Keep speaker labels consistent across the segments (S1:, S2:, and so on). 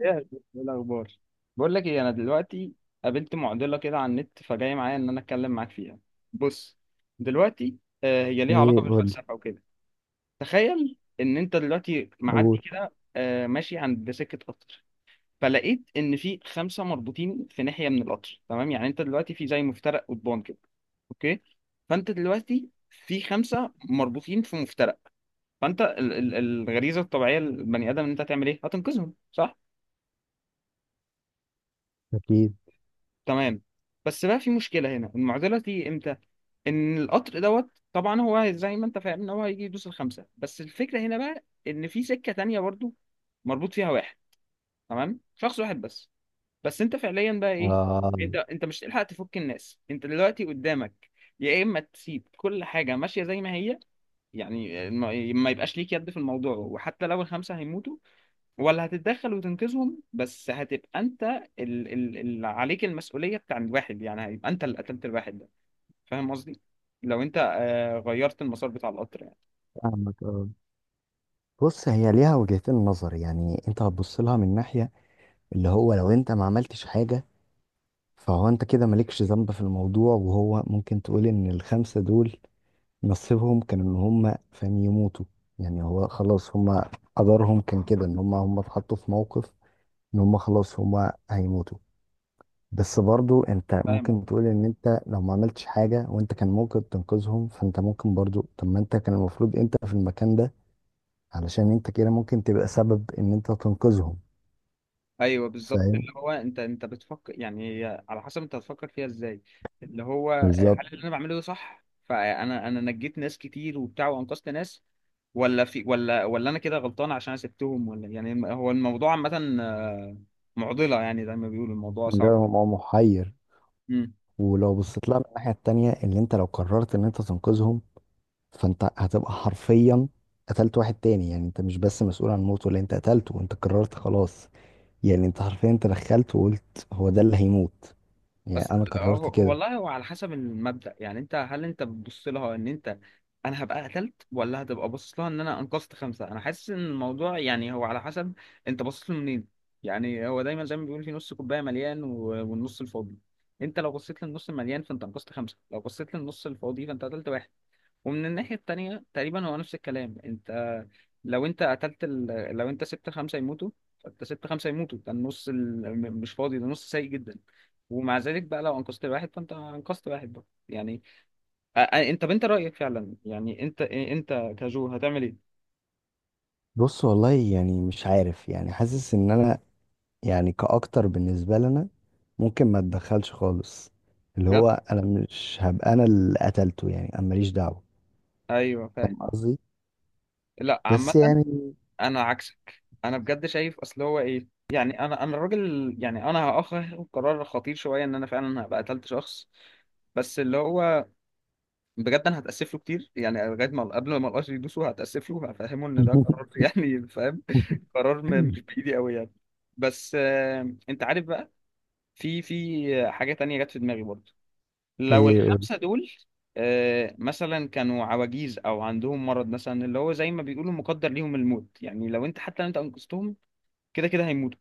S1: ايه يا شيخ؟ إيه الاخبار. بقول لك ايه، انا دلوقتي قابلت معضله كده على النت، فجاي معايا ان انا اتكلم معاك فيها. بص، دلوقتي هي ليها علاقه
S2: ايه، قول.
S1: بالفلسفه وكده. تخيل ان انت دلوقتي معدي
S2: قول.
S1: كده ماشي عند سكه قطر. فلقيت ان في خمسه مربوطين في ناحيه من القطر، تمام؟ يعني انت دلوقتي في زي مفترق قضبان كده. اوكي، فانت دلوقتي في خمسه مربوطين في مفترق. فانت الغريزه الطبيعيه للبني ادم ان انت هتعمل ايه، هتنقذهم، صح؟
S2: اكيد.
S1: تمام، بس بقى في مشكلة هنا، المعضلة دي امتى؟ ان القطر دوت طبعا هو زي ما انت فاهم ان هو هيجي يدوس الخمسة، بس الفكرة هنا بقى ان في سكة تانية برضو مربوط فيها واحد، تمام، شخص واحد بس. بس انت فعليا بقى ايه،
S2: آه.
S1: انت مش هتلحق تفك الناس، انت دلوقتي قدامك يا اما تسيب كل حاجة ماشية زي ما هي، يعني ما يبقاش ليك يد في الموضوع وحتى لو الخمسة هيموتوا، ولا هتتدخل وتنقذهم، بس هتبقى انت اللي عليك المسؤولية بتاع الواحد، يعني هيبقى انت اللي قتلت الواحد ده. فاهم قصدي؟ لو انت غيرت المسار بتاع القطر يعني.
S2: فاهمك، اه. بص، هي ليها وجهتين نظر، يعني انت هتبص لها من ناحية اللي هو لو انت ما عملتش حاجة، فهو انت كده مالكش ذنب في الموضوع، وهو ممكن تقول ان الخمسة دول نصيبهم كان ان هم، فاهم، يموتوا. يعني هو خلاص هم قدرهم كان كده، ان هم اتحطوا في موقف ان هم خلاص هم هيموتوا. بس برضو انت
S1: فاهم
S2: ممكن
S1: قصدي؟
S2: تقول ان انت لو ما عملتش حاجة وانت كان ممكن تنقذهم، فانت ممكن برضو، طب ما انت كان المفروض انت في المكان ده، علشان انت كده ممكن تبقى سبب ان انت تنقذهم.
S1: ايوه، بالظبط،
S2: فاهم؟
S1: اللي هو انت بتفكر، يعني هي على حسب انت هتفكر فيها ازاي. اللي هو
S2: بالظبط.
S1: هل اللي انا بعمله ده صح؟ فانا انا نجيت ناس كتير وبتاع، وانقذت ناس، ولا في، ولا انا كده غلطان عشان انا سبتهم؟ ولا يعني هو الموضوع عامة معضلة، يعني زي ما بيقولوا الموضوع
S2: مجرد
S1: صعب.
S2: هو محير. ولو بصيت لها من الناحية التانية، اللي انت لو قررت ان انت تنقذهم، فانت هتبقى حرفيا قتلت واحد تاني، يعني انت مش بس مسؤول عن موته، اللي انت قتلته انت قررت خلاص، يعني انت حرفيا تدخلت وقلت هو ده اللي هيموت، يعني
S1: اصل
S2: انا قررت كده.
S1: والله هو على حسب المبدأ، يعني انت هل انت بتبص لها ان انت انا هبقى قتلت، ولا هتبقى باصص لها ان انا انقذت خمسة. انا حاسس ان الموضوع يعني هو على حسب انت باصص له منين. يعني هو دايما زي ما بيقول في نص كوباية مليان والنص الفاضي، انت لو بصيت للنص المليان فانت انقذت خمسة، لو بصيت للنص الفاضي فانت قتلت واحد. ومن الناحية التانية تقريبا هو نفس الكلام، انت لو انت قتلت ال... لو انت سبت خمسة يموتوا، فانت سبت خمسة يموتوا، ده النص مش فاضي، ده نص سيء جدا. ومع ذلك بقى لو انقذت واحد فانت انقذت واحد بقى، يعني انت بنت رأيك فعلا، يعني انت كجو هتعمل ايه؟
S2: بص، والله، يعني مش عارف، يعني حاسس ان انا، يعني كاكتر بالنسبه لنا، ممكن ما اتدخلش خالص، اللي هو
S1: بجد.
S2: انا مش هبقى انا اللي قتلته، يعني انا ماليش دعوه.
S1: ايوه
S2: فاهم
S1: فاهم.
S2: قصدي؟
S1: لا،
S2: بس
S1: عامة
S2: يعني.
S1: انا عكسك، انا بجد شايف اصل هو ايه، يعني انا الراجل، يعني انا هاخد قرار خطير شوية ان انا فعلا هبقى قتلت شخص، بس اللي هو بجد انا هتاسف له كتير، يعني لغايه ما قبل ما القش يدوسه هتاسف له هفهمه ان ده قرار يعني فاهم، قرار مش بايدي قوي يعني. بس انت عارف بقى، في حاجه تانية جت في دماغي برضه. لو
S2: ايه، قول.
S1: الخمسه دول مثلا كانوا عواجيز او عندهم مرض مثلا، اللي هو زي ما بيقولوا مقدر ليهم الموت، يعني لو انت، حتى لو انت انقذتهم كده كده هيموتوا،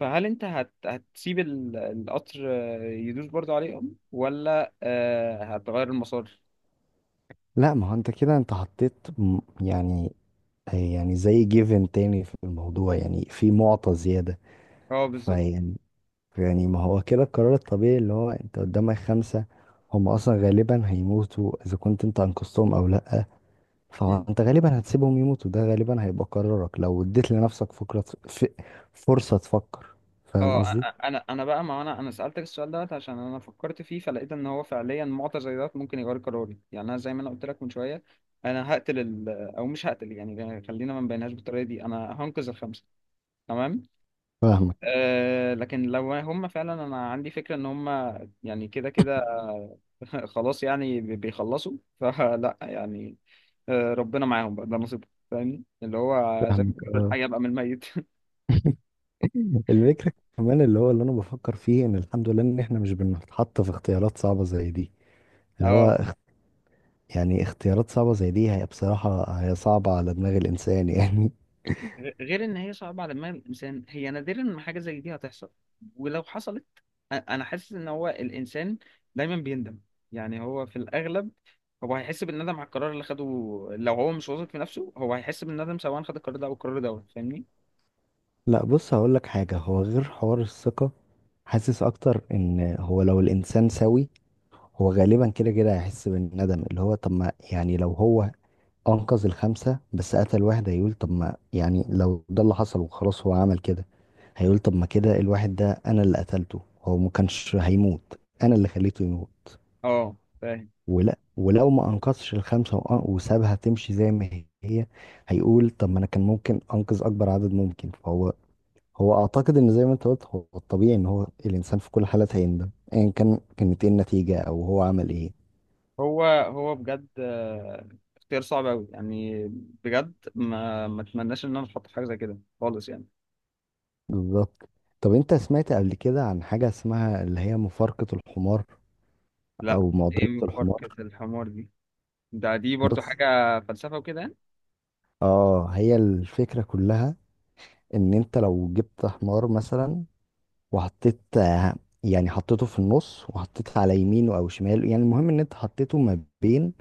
S1: فهل انت هتسيب القطر يدوس برضه عليهم، ولا هتغير المسار؟
S2: لا، ما هو انت كده انت حطيت يعني زي جيفن تاني في الموضوع، يعني في معطى زياده،
S1: اه بالظبط.
S2: فيعني يعني ما هو كده القرار الطبيعي، اللي هو انت قدامك خمسه، هم اصلا غالبا هيموتوا اذا كنت انت انقذتهم او لا، فانت غالبا هتسيبهم يموتوا. ده غالبا هيبقى قرارك لو اديت لنفسك فكرة، فرصة تفكر. فاهم
S1: اه،
S2: قصدي؟
S1: انا بقى ما انا سالتك السؤال دوت عشان انا فكرت فيه فلقيت ان هو فعليا معطى زي دوت ممكن يغير قراري، يعني انا زي ما انا قلت لك من شويه انا هقتل ال... او مش هقتل، يعني خلينا ما نبينهاش بالطريقه دي، انا هنقذ الخمسه، تمام.
S2: فاهمك
S1: أه لكن لو هم فعلا، انا عندي فكره ان هم يعني كده كده خلاص، يعني بيخلصوا، فلا يعني ربنا معاهم بقى، ده نصيبهم، فاهمني؟ اللي هو زي ما
S2: فاهمك
S1: بيقولوا
S2: اه.
S1: الحي يبقى من الميت
S2: الفكرة كمان، اللي هو اللي انا بفكر فيه، ان الحمد لله ان احنا مش بنتحط في اختيارات صعبة زي دي. اللي
S1: اه،
S2: هو، يعني اختيارات صعبة زي دي هي بصراحة هي صعبة على دماغ الانسان يعني.
S1: غير ان هي صعبه على دماغ الانسان، هي نادرا ما حاجه زي دي هتحصل، ولو حصلت انا حاسس ان هو الانسان دايما بيندم، يعني هو في الاغلب هو هيحس بالندم على القرار اللي خده. لو هو مش واثق في نفسه هو هيحس بالندم سواء خد القرار ده او القرار ده، فاهمني؟
S2: لا، بص، هقول لك حاجة. هو غير حوار الثقة، حاسس اكتر ان هو لو الانسان سوي، هو غالبا كده كده هيحس بالندم. اللي هو طب ما، يعني لو هو انقذ الخمسه بس قتل واحد، هيقول طب ما، يعني لو ده اللي حصل وخلاص هو عمل كده، هيقول طب ما كده الواحد ده انا اللي قتلته، هو ما كانش هيموت انا اللي خليته يموت.
S1: اه فاهم.
S2: ولا، ولو ما انقذش الخمسه وسابها تمشي زي ما هي، هيقول طب ما انا كان ممكن انقذ اكبر عدد ممكن. فهو اعتقد ان زي ما انت قلت، هو الطبيعي ان هو الانسان في كل حالات هيندم، ايا كان كانت ايه النتيجه او هو عمل ايه.
S1: هو بجد اختيار صعب قوي يعني، بجد ما اتمناش ان انا اتحط في حاجه زي كده خالص يعني.
S2: بالظبط. طب انت سمعت قبل كده عن حاجه اسمها اللي هي مفارقه الحمار؟
S1: لا.
S2: او
S1: ايه
S2: معضله الحمار؟
S1: مفارقه الحمار دي؟ ده برضو
S2: بص،
S1: حاجه فلسفه وكده يعني؟
S2: اه، هي الفكره كلها ان انت لو جبت حمار مثلا وحطيت، يعني حطيته في النص، وحطيت على يمينه او شماله، يعني المهم ان انت حطيته ما بين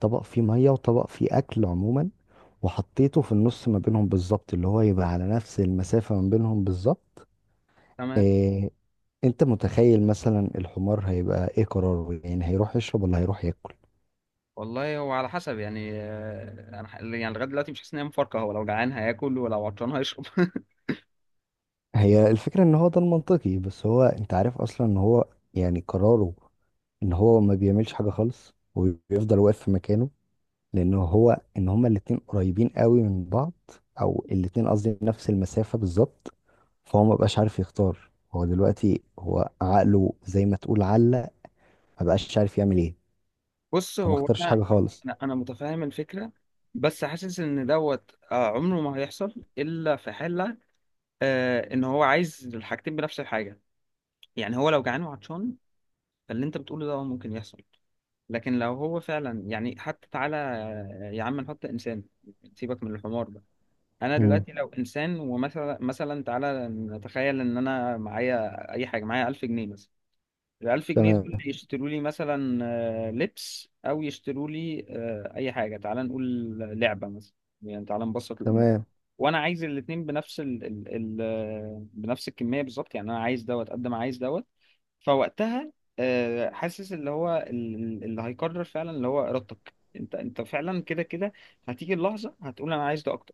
S2: طبق فيه ميه وطبق فيه اكل عموما، وحطيته في النص ما بينهم بالظبط، اللي هو يبقى على نفس المسافه ما بينهم بالظبط.
S1: تمام.
S2: إيه، انت متخيل مثلا الحمار هيبقى ايه قراره؟ يعني هيروح يشرب ولا هيروح ياكل؟
S1: والله هو على حسب، يعني انا يعني لغايه دلوقتي مش حاسس ان هي مفارقه، هو لو جعان هياكل ولو عطشان هيشرب
S2: هي الفكرة ان هو ده المنطقي، بس هو انت عارف اصلا ان هو يعني قراره ان هو ما بيعملش حاجة خالص وبيفضل واقف في مكانه، لان هو ان هما الاتنين قريبين قوي من بعض، او الاتنين قصدي نفس المسافة بالظبط، فهو ما بقاش عارف يختار، هو دلوقتي هو عقله زي ما تقول علق، ما بقاش عارف يعمل ايه،
S1: بص
S2: فما
S1: هو
S2: اختارش حاجة
S1: انا
S2: خالص.
S1: انا أنا متفاهم الفكره، بس حاسس ان دوت عمره ما هيحصل الا في حاله ان هو عايز الحاجتين بنفس الحاجه، يعني هو لو جعان وعطشان فاللي انت بتقوله ده ممكن يحصل. لكن لو هو فعلا، يعني حتى تعالى يا عم نحط انسان، سيبك من الحمار ده. انا
S2: مم.
S1: دلوقتي لو انسان، ومثلا، تعالى نتخيل ان انا معايا اي حاجه، معايا 1000 جنيه مثلا، ال 1000 جنيه دول
S2: تمام.
S1: يشتروا لي مثلا لبس، او يشتروا لي اي حاجه، تعالى نقول لعبه مثلا، يعني تعالى نبسط الامور.
S2: تمام.
S1: وانا عايز الاتنين بنفس ال ال ال آه، بنفس الكميه بالظبط، يعني انا عايز دوت قد ما عايز دوت. فوقتها حاسس اللي هو اللي هيقرر فعلا اللي هو ارادتك انت فعلا كده كده هتيجي اللحظه هتقول انا عايز ده اكتر.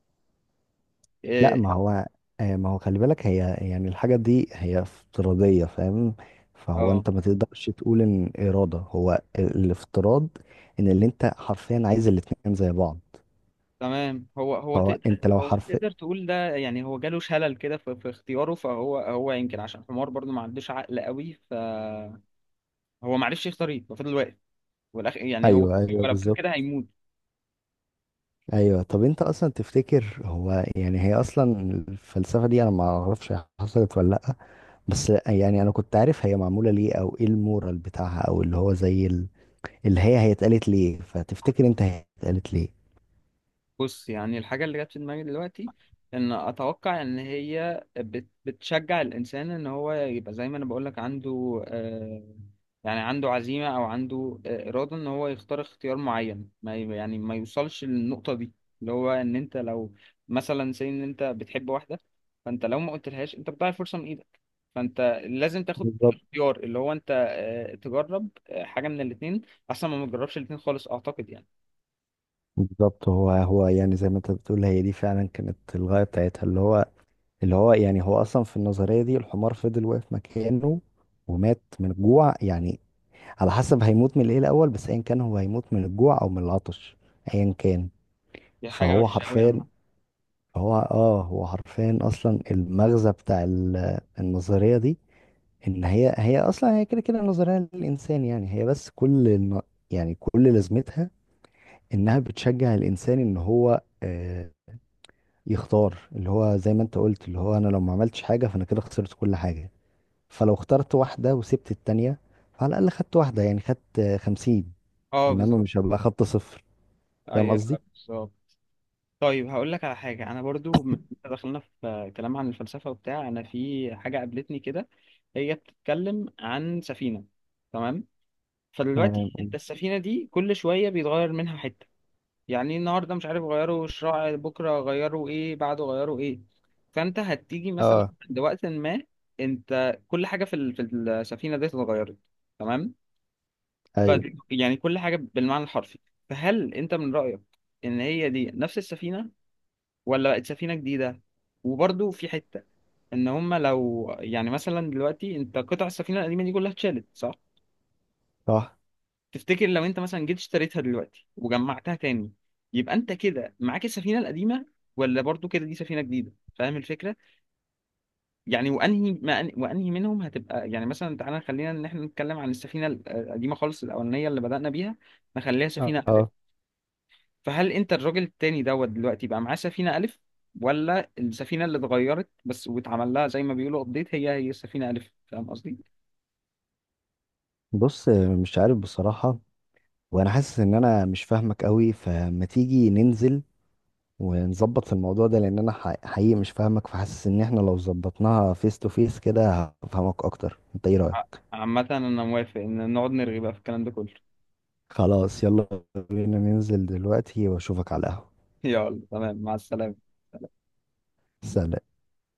S2: لا،
S1: اه.
S2: ما هو، ما هو خلي بالك، هي يعني الحاجة دي هي افتراضية، فاهم؟ فهو
S1: آه.
S2: انت ما تقدرش تقول ان إرادة هو الافتراض ان اللي انت حرفيا عايز الاتنين زي بعض،
S1: تمام. هو هو
S2: فهو
S1: تقدر
S2: انت لو
S1: هو
S2: حرف.
S1: تقدر تقول ده، يعني هو جاله شلل كده في اختياره، فهو يمكن عشان حمار برضو ما عندوش عقل قوي، فهو ما عرفش يختار ايه ففضل واقف، والاخ يعني هو
S2: ايوه، ايوه،
S1: لو فضل كده
S2: بالظبط.
S1: هيموت.
S2: ايوه، طب انت اصلا تفتكر هو، يعني هي اصلا الفلسفة دي انا ما اعرفش هي حصلت ولا لا. بس يعني انا كنت عارف هي معمولة ليه، او ايه المورال بتاعها، او اللي هو زي اللي هي اتقالت ليه. فتفتكر انت هي اتقالت
S1: بص يعني الحاجة اللي جت في دماغي دلوقتي، إن أتوقع إن هي بتشجع الإنسان إن هو يبقى زي ما أنا بقولك عنده يعني عنده عزيمة، أو عنده إرادة إن هو يختار اختيار معين، ما ي- يعني ما يوصلش للنقطة دي. اللي هو إن أنت لو مثلا سي إن أنت بتحب واحدة، فأنت لو ما قلتلهاش أنت بتضيع الفرصة من إيدك، فأنت لازم تاخد
S2: ليه؟
S1: اختيار اللي هو أنت تجرب حاجة من الاتنين أحسن ما تجربش الاتنين خالص، أعتقد يعني.
S2: بالظبط. هو يعني زي ما انت بتقول، هي دي فعلا كانت الغاية بتاعتها. اللي هو يعني هو اصلا في النظرية دي الحمار فضل واقف مكانه ومات من الجوع، يعني على حسب هيموت من ايه الاول، بس ايا كان هو هيموت من الجوع او من العطش، ايا كان.
S1: دي حاجة
S2: فهو
S1: وحشة أوي يا
S2: حرفيا
S1: عم.
S2: هو اه هو حرفيا اصلا المغزى بتاع النظرية دي، ان هي اصلا هي كده كده نظرية للانسان، يعني هي بس كل يعني كل لازمتها انها بتشجع الانسان ان هو، يختار اللي هو زي ما انت قلت، اللي هو انا لو ما عملتش حاجه فانا كده خسرت كل حاجه، فلو اخترت واحده وسبت التانية، فعلى الاقل خدت واحده، يعني خدت، 50،
S1: اه
S2: انما
S1: بالظبط.
S2: مش هبقى خدت صفر. فاهم
S1: ايوه
S2: قصدي؟
S1: بالظبط. طيب هقول لك على حاجه، انا برضو إنت دخلنا في كلام عن الفلسفه وبتاع، انا في حاجه قابلتني كده، هي بتتكلم عن سفينه، تمام؟
S2: تمام.
S1: فدلوقتي انت السفينه دي كل شويه بيتغير منها حته، يعني إيه، النهارده مش عارف غيروا الشراع، بكره غيروا ايه، بعده غيروا ايه، فانت هتيجي مثلا
S2: اه.
S1: عند وقت ما انت كل حاجه في في السفينه دي اتغيرت، تمام؟ ف
S2: ايوه.
S1: يعني كل حاجه بالمعنى الحرفي. فهل انت من رايك ان هي دي نفس السفينه، ولا بقت سفينة جديدة؟ وبرضو في حتة ان هما لو، يعني مثلا دلوقتي انت قطع السفينة القديمة دي كلها اتشالت، صح؟
S2: صح.
S1: تفتكر لو انت مثلا جيت اشتريتها دلوقتي وجمعتها تاني، يبقى انت كده معاك السفينة القديمة، ولا برضو كده دي سفينة جديدة؟ فاهم الفكرة؟ يعني وانهي ما أن... وانهي منهم هتبقى، يعني مثلا، تعالى خلينا ان احنا نتكلم عن السفينة القديمة خالص الاولانية اللي بدأنا بيها، نخليها سفينة.
S2: اه.
S1: فهل انت الراجل التاني دوت دلوقتي بقى معاه سفينة ألف، ولا السفينة اللي اتغيرت بس واتعمل لها زي ما بيقولوا ابديت هي السفينة ألف؟ فاهم قصدي؟
S2: بص، مش عارف بصراحه، وانا حاسس ان انا مش فاهمك قوي، فما تيجي ننزل ونظبط في الموضوع ده، لان انا حقيقي مش فاهمك. فحاسس ان احنا لو ظبطناها فيس تو فيس كده هفهمك اكتر. انت ايه رايك؟
S1: عامة أنا موافق إن نقعد نرغي بقى في الكلام ده كله.
S2: خلاص، يلا، بينا ننزل دلوقتي واشوفك على القهوة.
S1: يلا تمام، مع السلامة.
S2: سلام.